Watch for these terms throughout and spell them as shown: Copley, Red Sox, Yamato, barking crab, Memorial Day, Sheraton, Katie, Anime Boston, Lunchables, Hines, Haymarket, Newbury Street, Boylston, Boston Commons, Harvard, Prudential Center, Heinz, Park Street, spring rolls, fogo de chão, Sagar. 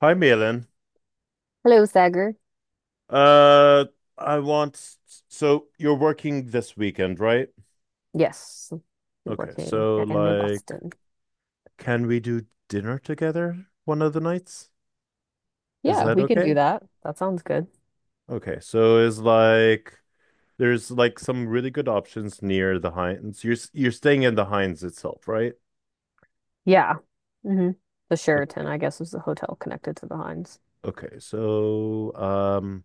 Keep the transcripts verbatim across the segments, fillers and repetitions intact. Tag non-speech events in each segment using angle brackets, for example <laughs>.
Hi, Malin. Hello, Sagar. Uh, I want, so you're working this weekend, right? Yes, you're Okay, working so at Anime like, Boston. can we do dinner together one of the nights? Is Yeah, that we can do okay? that. That sounds good. Okay, so is like, there's like some really good options near the Heinz. You're s- you're staying in the Heinz itself, right? Yeah. hmm The O- Sheraton, I guess, is the hotel connected to the Hines. Okay, so um,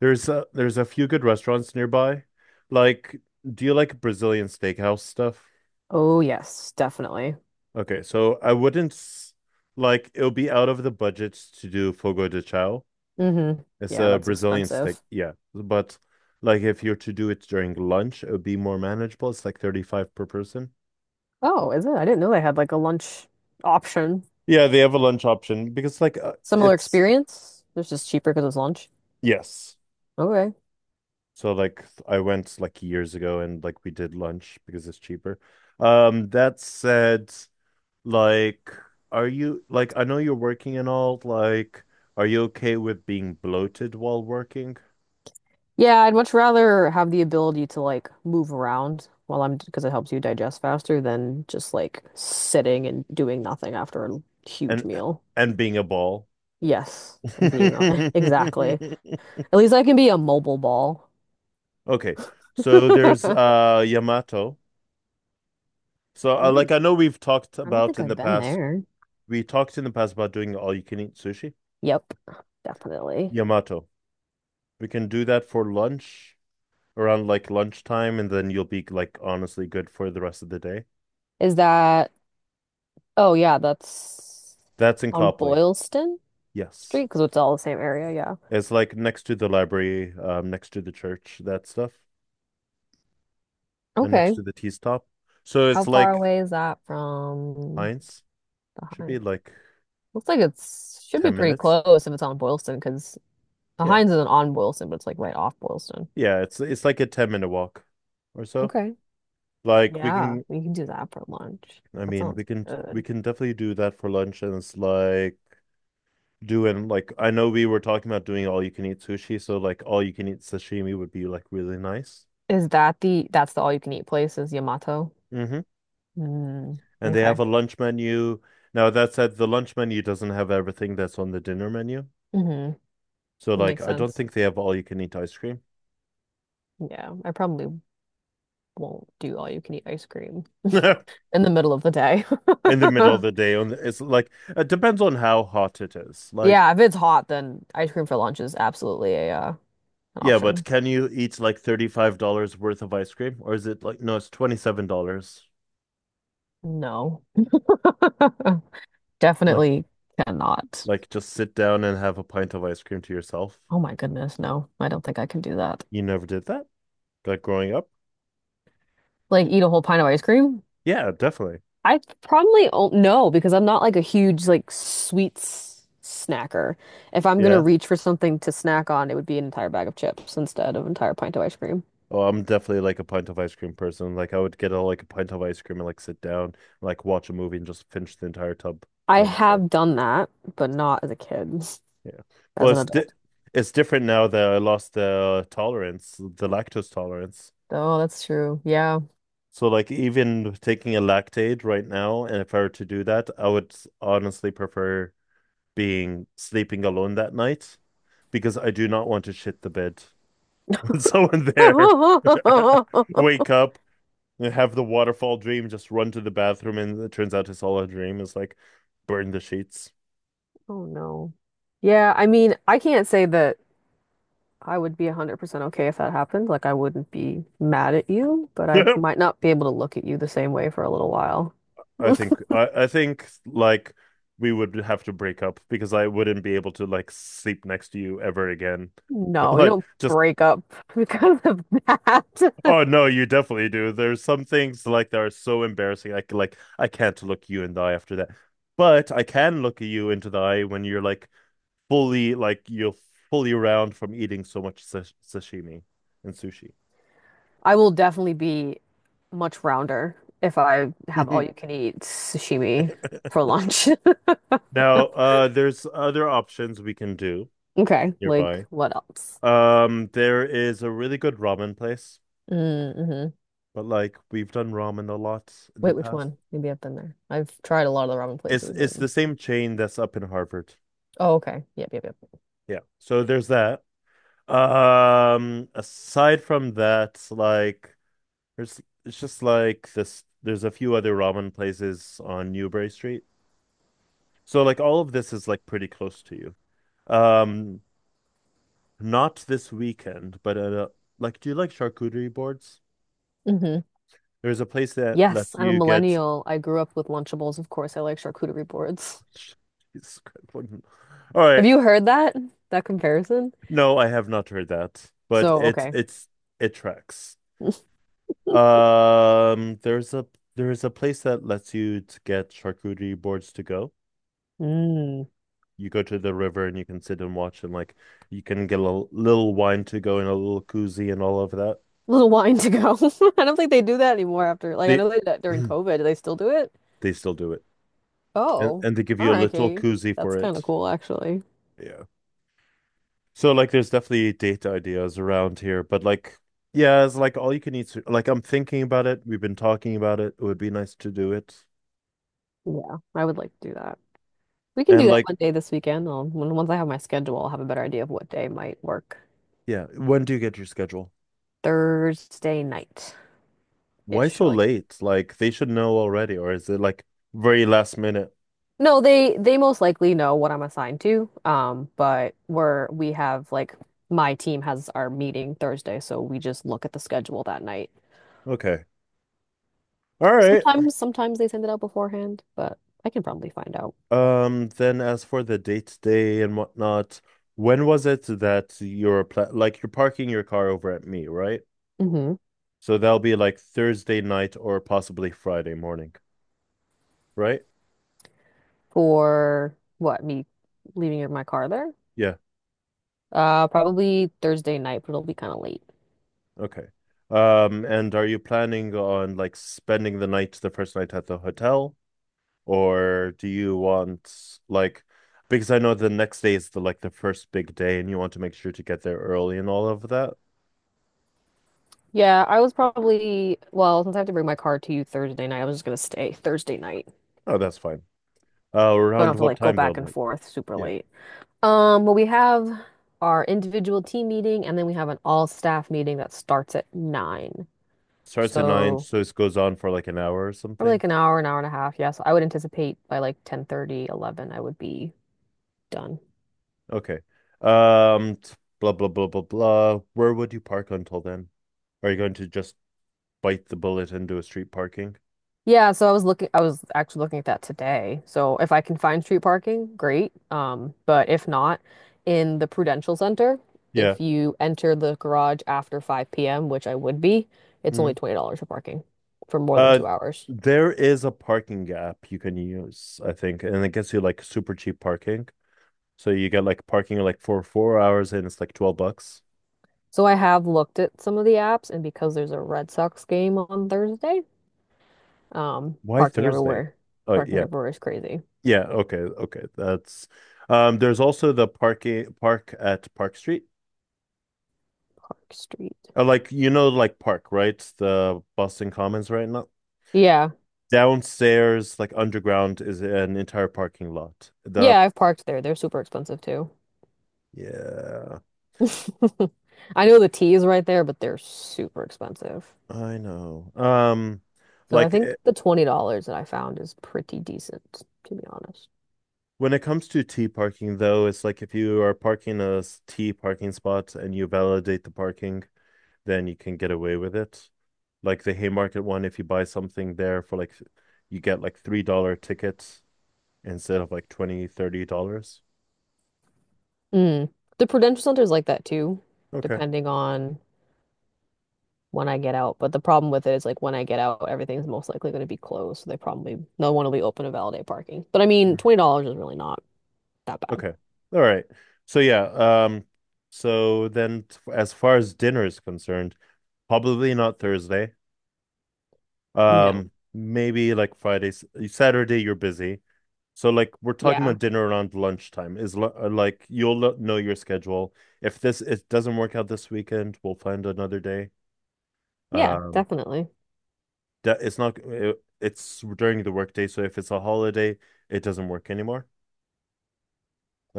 there's a there's a few good restaurants nearby. Like, do you like Brazilian steakhouse stuff? Oh, yes, definitely. Okay, so I wouldn't s- like it'll be out of the budget to do fogo de chão. Hmm It's Yeah, a that's Brazilian steak, expensive. yeah. But like if you're to do it during lunch, it would be more manageable. It's like thirty-five per person. Oh, is it? I didn't know they had like a lunch option. Yeah, they have a lunch option because like uh, Similar it's experience. It's just cheaper because it's lunch. yes. Okay. So like I went like years ago and like we did lunch because it's cheaper. Um, that said, like are you like I know you're working and all like are you okay with being bloated while working? Yeah, I'd much rather have the ability to like move around while I'm because it helps you digest faster than just like sitting and doing nothing after a huge and meal. and being a ball. Yes, and being a- <laughs> exactly. <laughs> At least I can be a mobile ball. Okay, <laughs> so there's uh Yamato. So uh, like Ooh, I know we've talked I don't about think in I've the been past, there. we talked in the past about doing all you can eat sushi. Yep, definitely. Yamato. We can do that for lunch around like lunchtime, and then you'll be like honestly good for the rest of the day. Is that, oh yeah, that's That's in on Copley. Boylston Street Yes. because it's all the same area. Yeah. It's like next to the library, um, next to the church, that stuff, and next Okay. to the tea stop. So How it's far like away is that from Heinz. Should be behind? like Looks like it's should be ten pretty minutes. close if it's on Boylston, because the Yeah, Heinz isn't on Boylston, but it's like right off Boylston. yeah, it's it's like a ten minute walk or so. Okay. Like we Yeah, can we can do that for lunch. I That mean, we sounds can we good. can definitely do that for lunch and it's like doing like I know we were talking about doing all you can eat sushi, so like all you can eat sashimi would be like really nice. Is that the that's the all you can eat place is Yamato? Hmm. Mm, And they have okay. a lunch menu. Now that said, the lunch menu doesn't have everything that's on the dinner menu. Mm-hmm. So like Makes I don't sense. think they have all you can eat ice cream Yeah, I probably won't do all you can eat ice cream <laughs> in in the middle of the day. the middle of <laughs> the day on the, it's like it depends on how hot it is. Like Yeah, if it's hot, then ice cream for lunch is absolutely a uh, an yeah, but option. can you eat like thirty-five dollars worth of ice cream? Or is it like, no, it's twenty-seven dollars. No. <laughs> Like, Definitely cannot. like just sit down and have a pint of ice cream to yourself. Oh my goodness, no. I don't think I can do that. You never did that? Like growing up? Like eat a whole pint of ice cream? Yeah, definitely. I probably o no, because I'm not like a huge like sweets snacker. If I'm gonna Yeah. reach for something to snack on, it would be an entire bag of chips instead of an entire pint of ice cream. Oh, I'm definitely like a pint of ice cream person. Like I would get a, like a pint of ice cream and like sit down, like watch a movie and just finish the entire tub I by myself. have done that, but not as a kid, Yeah. as Well, an it's di adult. it's different now that I lost the tolerance, the lactose tolerance. Oh, that's true. Yeah. So like even taking a lactaid right now, and if I were to do that, I would honestly prefer being sleeping alone that night because I do not want to shit the bed <laughs> with someone <laughs> there. <laughs> Oh. Wake up and have the waterfall dream, just run to the bathroom, and it turns out it's all a dream. It's like burn the sheets. Oh no. Yeah, I mean, I can't say that. I would be one hundred percent okay if that happened. Like, I wouldn't be mad at you, but <laughs> I I might not be able to look at you the same way for a little while. <laughs> think I, I think like we would have to break up because I wouldn't be able to like sleep next to you ever again. <laughs> No, you Like don't just break up <laughs> because of that. <laughs> Oh no, you definitely do. There's some things like that are so embarrassing. I c- like I can't look you in the eye after that. But I can look you into the eye when you're like fully like you're fully round from eating so much sash sashimi and sushi. I will definitely be much rounder if I have all you <laughs> can eat sashimi for lunch. <laughs> Now, uh, there's other options we can do Okay, like nearby. what else? Um, there is a really good ramen place, Mm-hmm. but like we've done ramen a lot in the Wait, which past. one? Maybe I've been there. I've tried a lot of the ramen It's places it's the and same chain that's up in Harvard. oh, okay. Yep, yep, yep. Yeah. So there's that. Um, aside from that, like there's it's just like this there's a few other ramen places on Newbury Street. So like all of this is like pretty close to you. Um, not this weekend, but uh, like do you like charcuterie boards? hmm There's a place that Yes, lets I'm a you get millennial. I grew up with Lunchables, of course. I like charcuterie boards. <laughs> Jesus Christ, what- all <laughs> Have right. you heard that? That comparison? No, I have not heard that, but So, it's okay. it's it tracks. <laughs> Um, there's a there's a place that lets you to get charcuterie boards to go. Mm. You go to the river and you can sit and watch and like you can get a little little wine to go and a little koozie and all of that. Little wine to go. <laughs> I don't think they do that anymore after, like, I They know they did that during <clears throat> COVID. Do they still do it? they still do it. And Oh, and they give all you a right, little Katie. koozie for That's kind of it. cool, actually. Yeah. So like there's definitely date ideas around here, but like yeah, it's like all you can eat. su- Like I'm thinking about it. We've been talking about it. It would be nice to do it. Yeah, I would like to do that. We can do And that like one day this weekend. I'll, when- once I have my schedule, I'll have a better idea of what day might work. yeah, when do you get your schedule? Thursday night Why ish, or so like late? Like they should know already, or is it like very last minute? no, they they most likely know what I'm assigned to. Um, but we're we have like my team has our meeting Thursday, so we just look at the schedule that night. Okay. All right. Sometimes sometimes they send it out beforehand, but I can probably find out. Um, then as for the date day and whatnot, when was it that you're pla like you're parking your car over at me, right? Hmm So that'll be like Thursday night or possibly Friday morning, right? For what, me leaving in my car there? Yeah. Uh, probably Thursday night, but it'll be kind of late. Okay. Um, and are you planning on like spending the night, the first night at the hotel? Or do you want like because I know the next day is the like the first big day and you want to make sure to get there early and all of that? Yeah, I was probably, well, since I have to bring my car to you Thursday night, I was just gonna stay Thursday night. So Oh, that's fine. Uh, I don't around have to what like go time though? back and Like, forth super yeah. late. Um, well, we have our individual team meeting, and then we have an all staff meeting that starts at nine. Starts at nine, So so this goes on for like an hour or probably something. like an hour, an hour and a half. Yeah, so I would anticipate by like ten thirty, eleven, I would be done. Okay. Um, t- blah blah blah blah blah. Where would you park until then? Are you going to just bite the bullet and do a street parking? Yeah, so I was looking, I was actually looking at that today. So if I can find street parking, great. Um, but if not, in the Prudential Center, Yeah. if you enter the garage after five p m, which I would be, it's only Mhm. twenty dollars for parking for more than Uh, two hours. there is a parking app you can use, I think, and it gets you like super cheap parking. So you get like parking like for four hours and it's like twelve bucks. So I have looked at some of the apps, and because there's a Red Sox game on Thursday, um, Why parking Thursday? everywhere. Oh Parking yeah. everywhere is crazy. Yeah, okay, okay. That's um there's also the parking park at Park Street. Park Street. Uh, like you know like Park, right? The Boston Commons right now. Yeah. Downstairs, like underground is an entire parking lot. The Yeah, I've parked there. They're super expensive too. yeah, <laughs> I know the T is right there, but they're super expensive. I know. Um So I like think eh, the twenty dollars that I found is pretty decent, to be honest. When it comes to T parking, though, it's like if you are parking a s- T parking spot and you validate the parking, then you can get away with it. Like the Haymarket one, if you buy something there for like, you get like three dollars tickets instead of like twenty, thirty dollars. Mm. The Prudential Center is like that too, Okay. depending on when I get out. But the problem with it is like when I get out, everything's most likely going to be closed. So they probably no one will be open to validate parking. But I mean, Mm. twenty dollars is really not that bad. Okay. All right. So yeah, um, so then t- as far as dinner is concerned, probably not Thursday. No. Um, maybe like Friday, s- Saturday you're busy. So like we're talking Yeah. about dinner around lunchtime is lu- uh, like you'll lo- know your schedule. If this it doesn't work out this weekend, we'll find another day. Yeah, Um, definitely. that it's not it, it's during the workday, so if it's a holiday, it doesn't work anymore.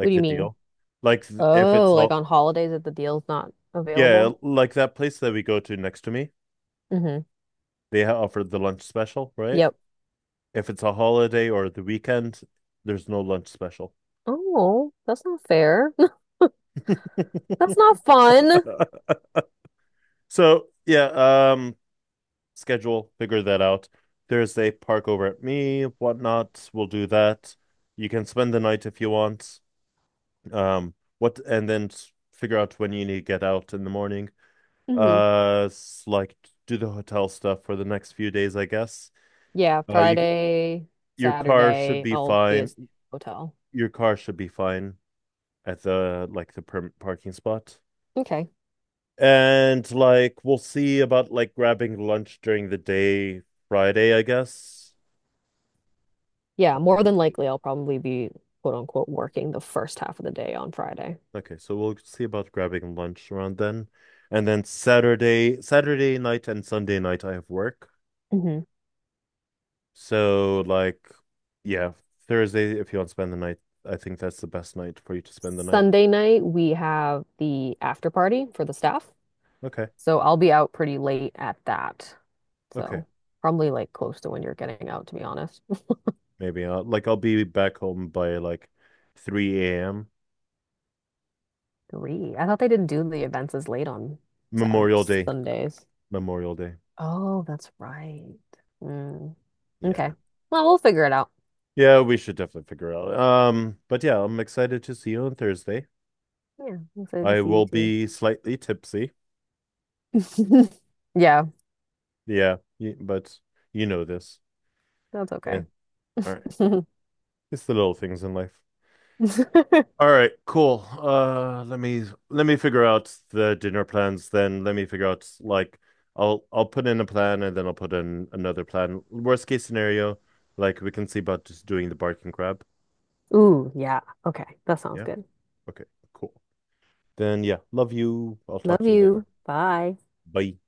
What do you the mean? deal, like th- if it's Oh, like all on holidays that the deal's not yeah, available? like that place that we go to next to me, Mm-hmm. they ha- offer the lunch special, right? Yep. If it's a holiday or the weekend, there's no lunch special. <laughs> Oh, that's not fair. <laughs> That's not fun. So yeah, um, schedule, figure that out. Thursday, park over at me, whatnot. We'll do that. You can spend the night if you want. Um, what and then figure out when you need to get out in the morning. Hmm Uh, s- like do the hotel stuff for the next few days, I guess. Yeah, Uh, you c- Friday, your car should Saturday, be I'll be at fine. the hotel. Your car should be fine at the like the perm parking spot. Okay. And like we'll see about like grabbing lunch during the day Friday, I guess. Yeah, more than Okay. likely I'll probably be quote unquote working the first half of the day on Friday. Okay, so we'll see about grabbing lunch around then. And then Saturday, Saturday night and Sunday night I have work. Mhm. So like yeah, Thursday if you want to spend the night, I think that's the best night for you to spend the night. Sunday night, we have the after party for the staff. Okay. So I'll be out pretty late at that. Okay. So probably like close to when you're getting out, to be honest. Maybe I'll like I'll be back home by like three a m. Three. I thought they didn't do the events as late on Saturday, Memorial Day. Sundays. Memorial Day. Oh, that's right. Mm. Yeah. Okay. Well, we'll figure it out. Yeah, we should definitely figure out. Um, but yeah, I'm excited to see you on Thursday. Yeah, I'm excited to I see you will too. be slightly tipsy. <laughs> Yeah, Yeah, y- but you know this. that's Yeah. okay. All right. <laughs> It's the little things in life. All right, cool. Uh, let me let me figure out the dinner plans then. Let me figure out like I'll I'll put in a plan and then I'll put in another plan. Worst case scenario, like we can see about just doing the barking crab. Ooh, yeah. Okay, that sounds Yeah. good. Okay, cool. Then yeah, love you. I'll talk Love to you later. you. Bye. Bye.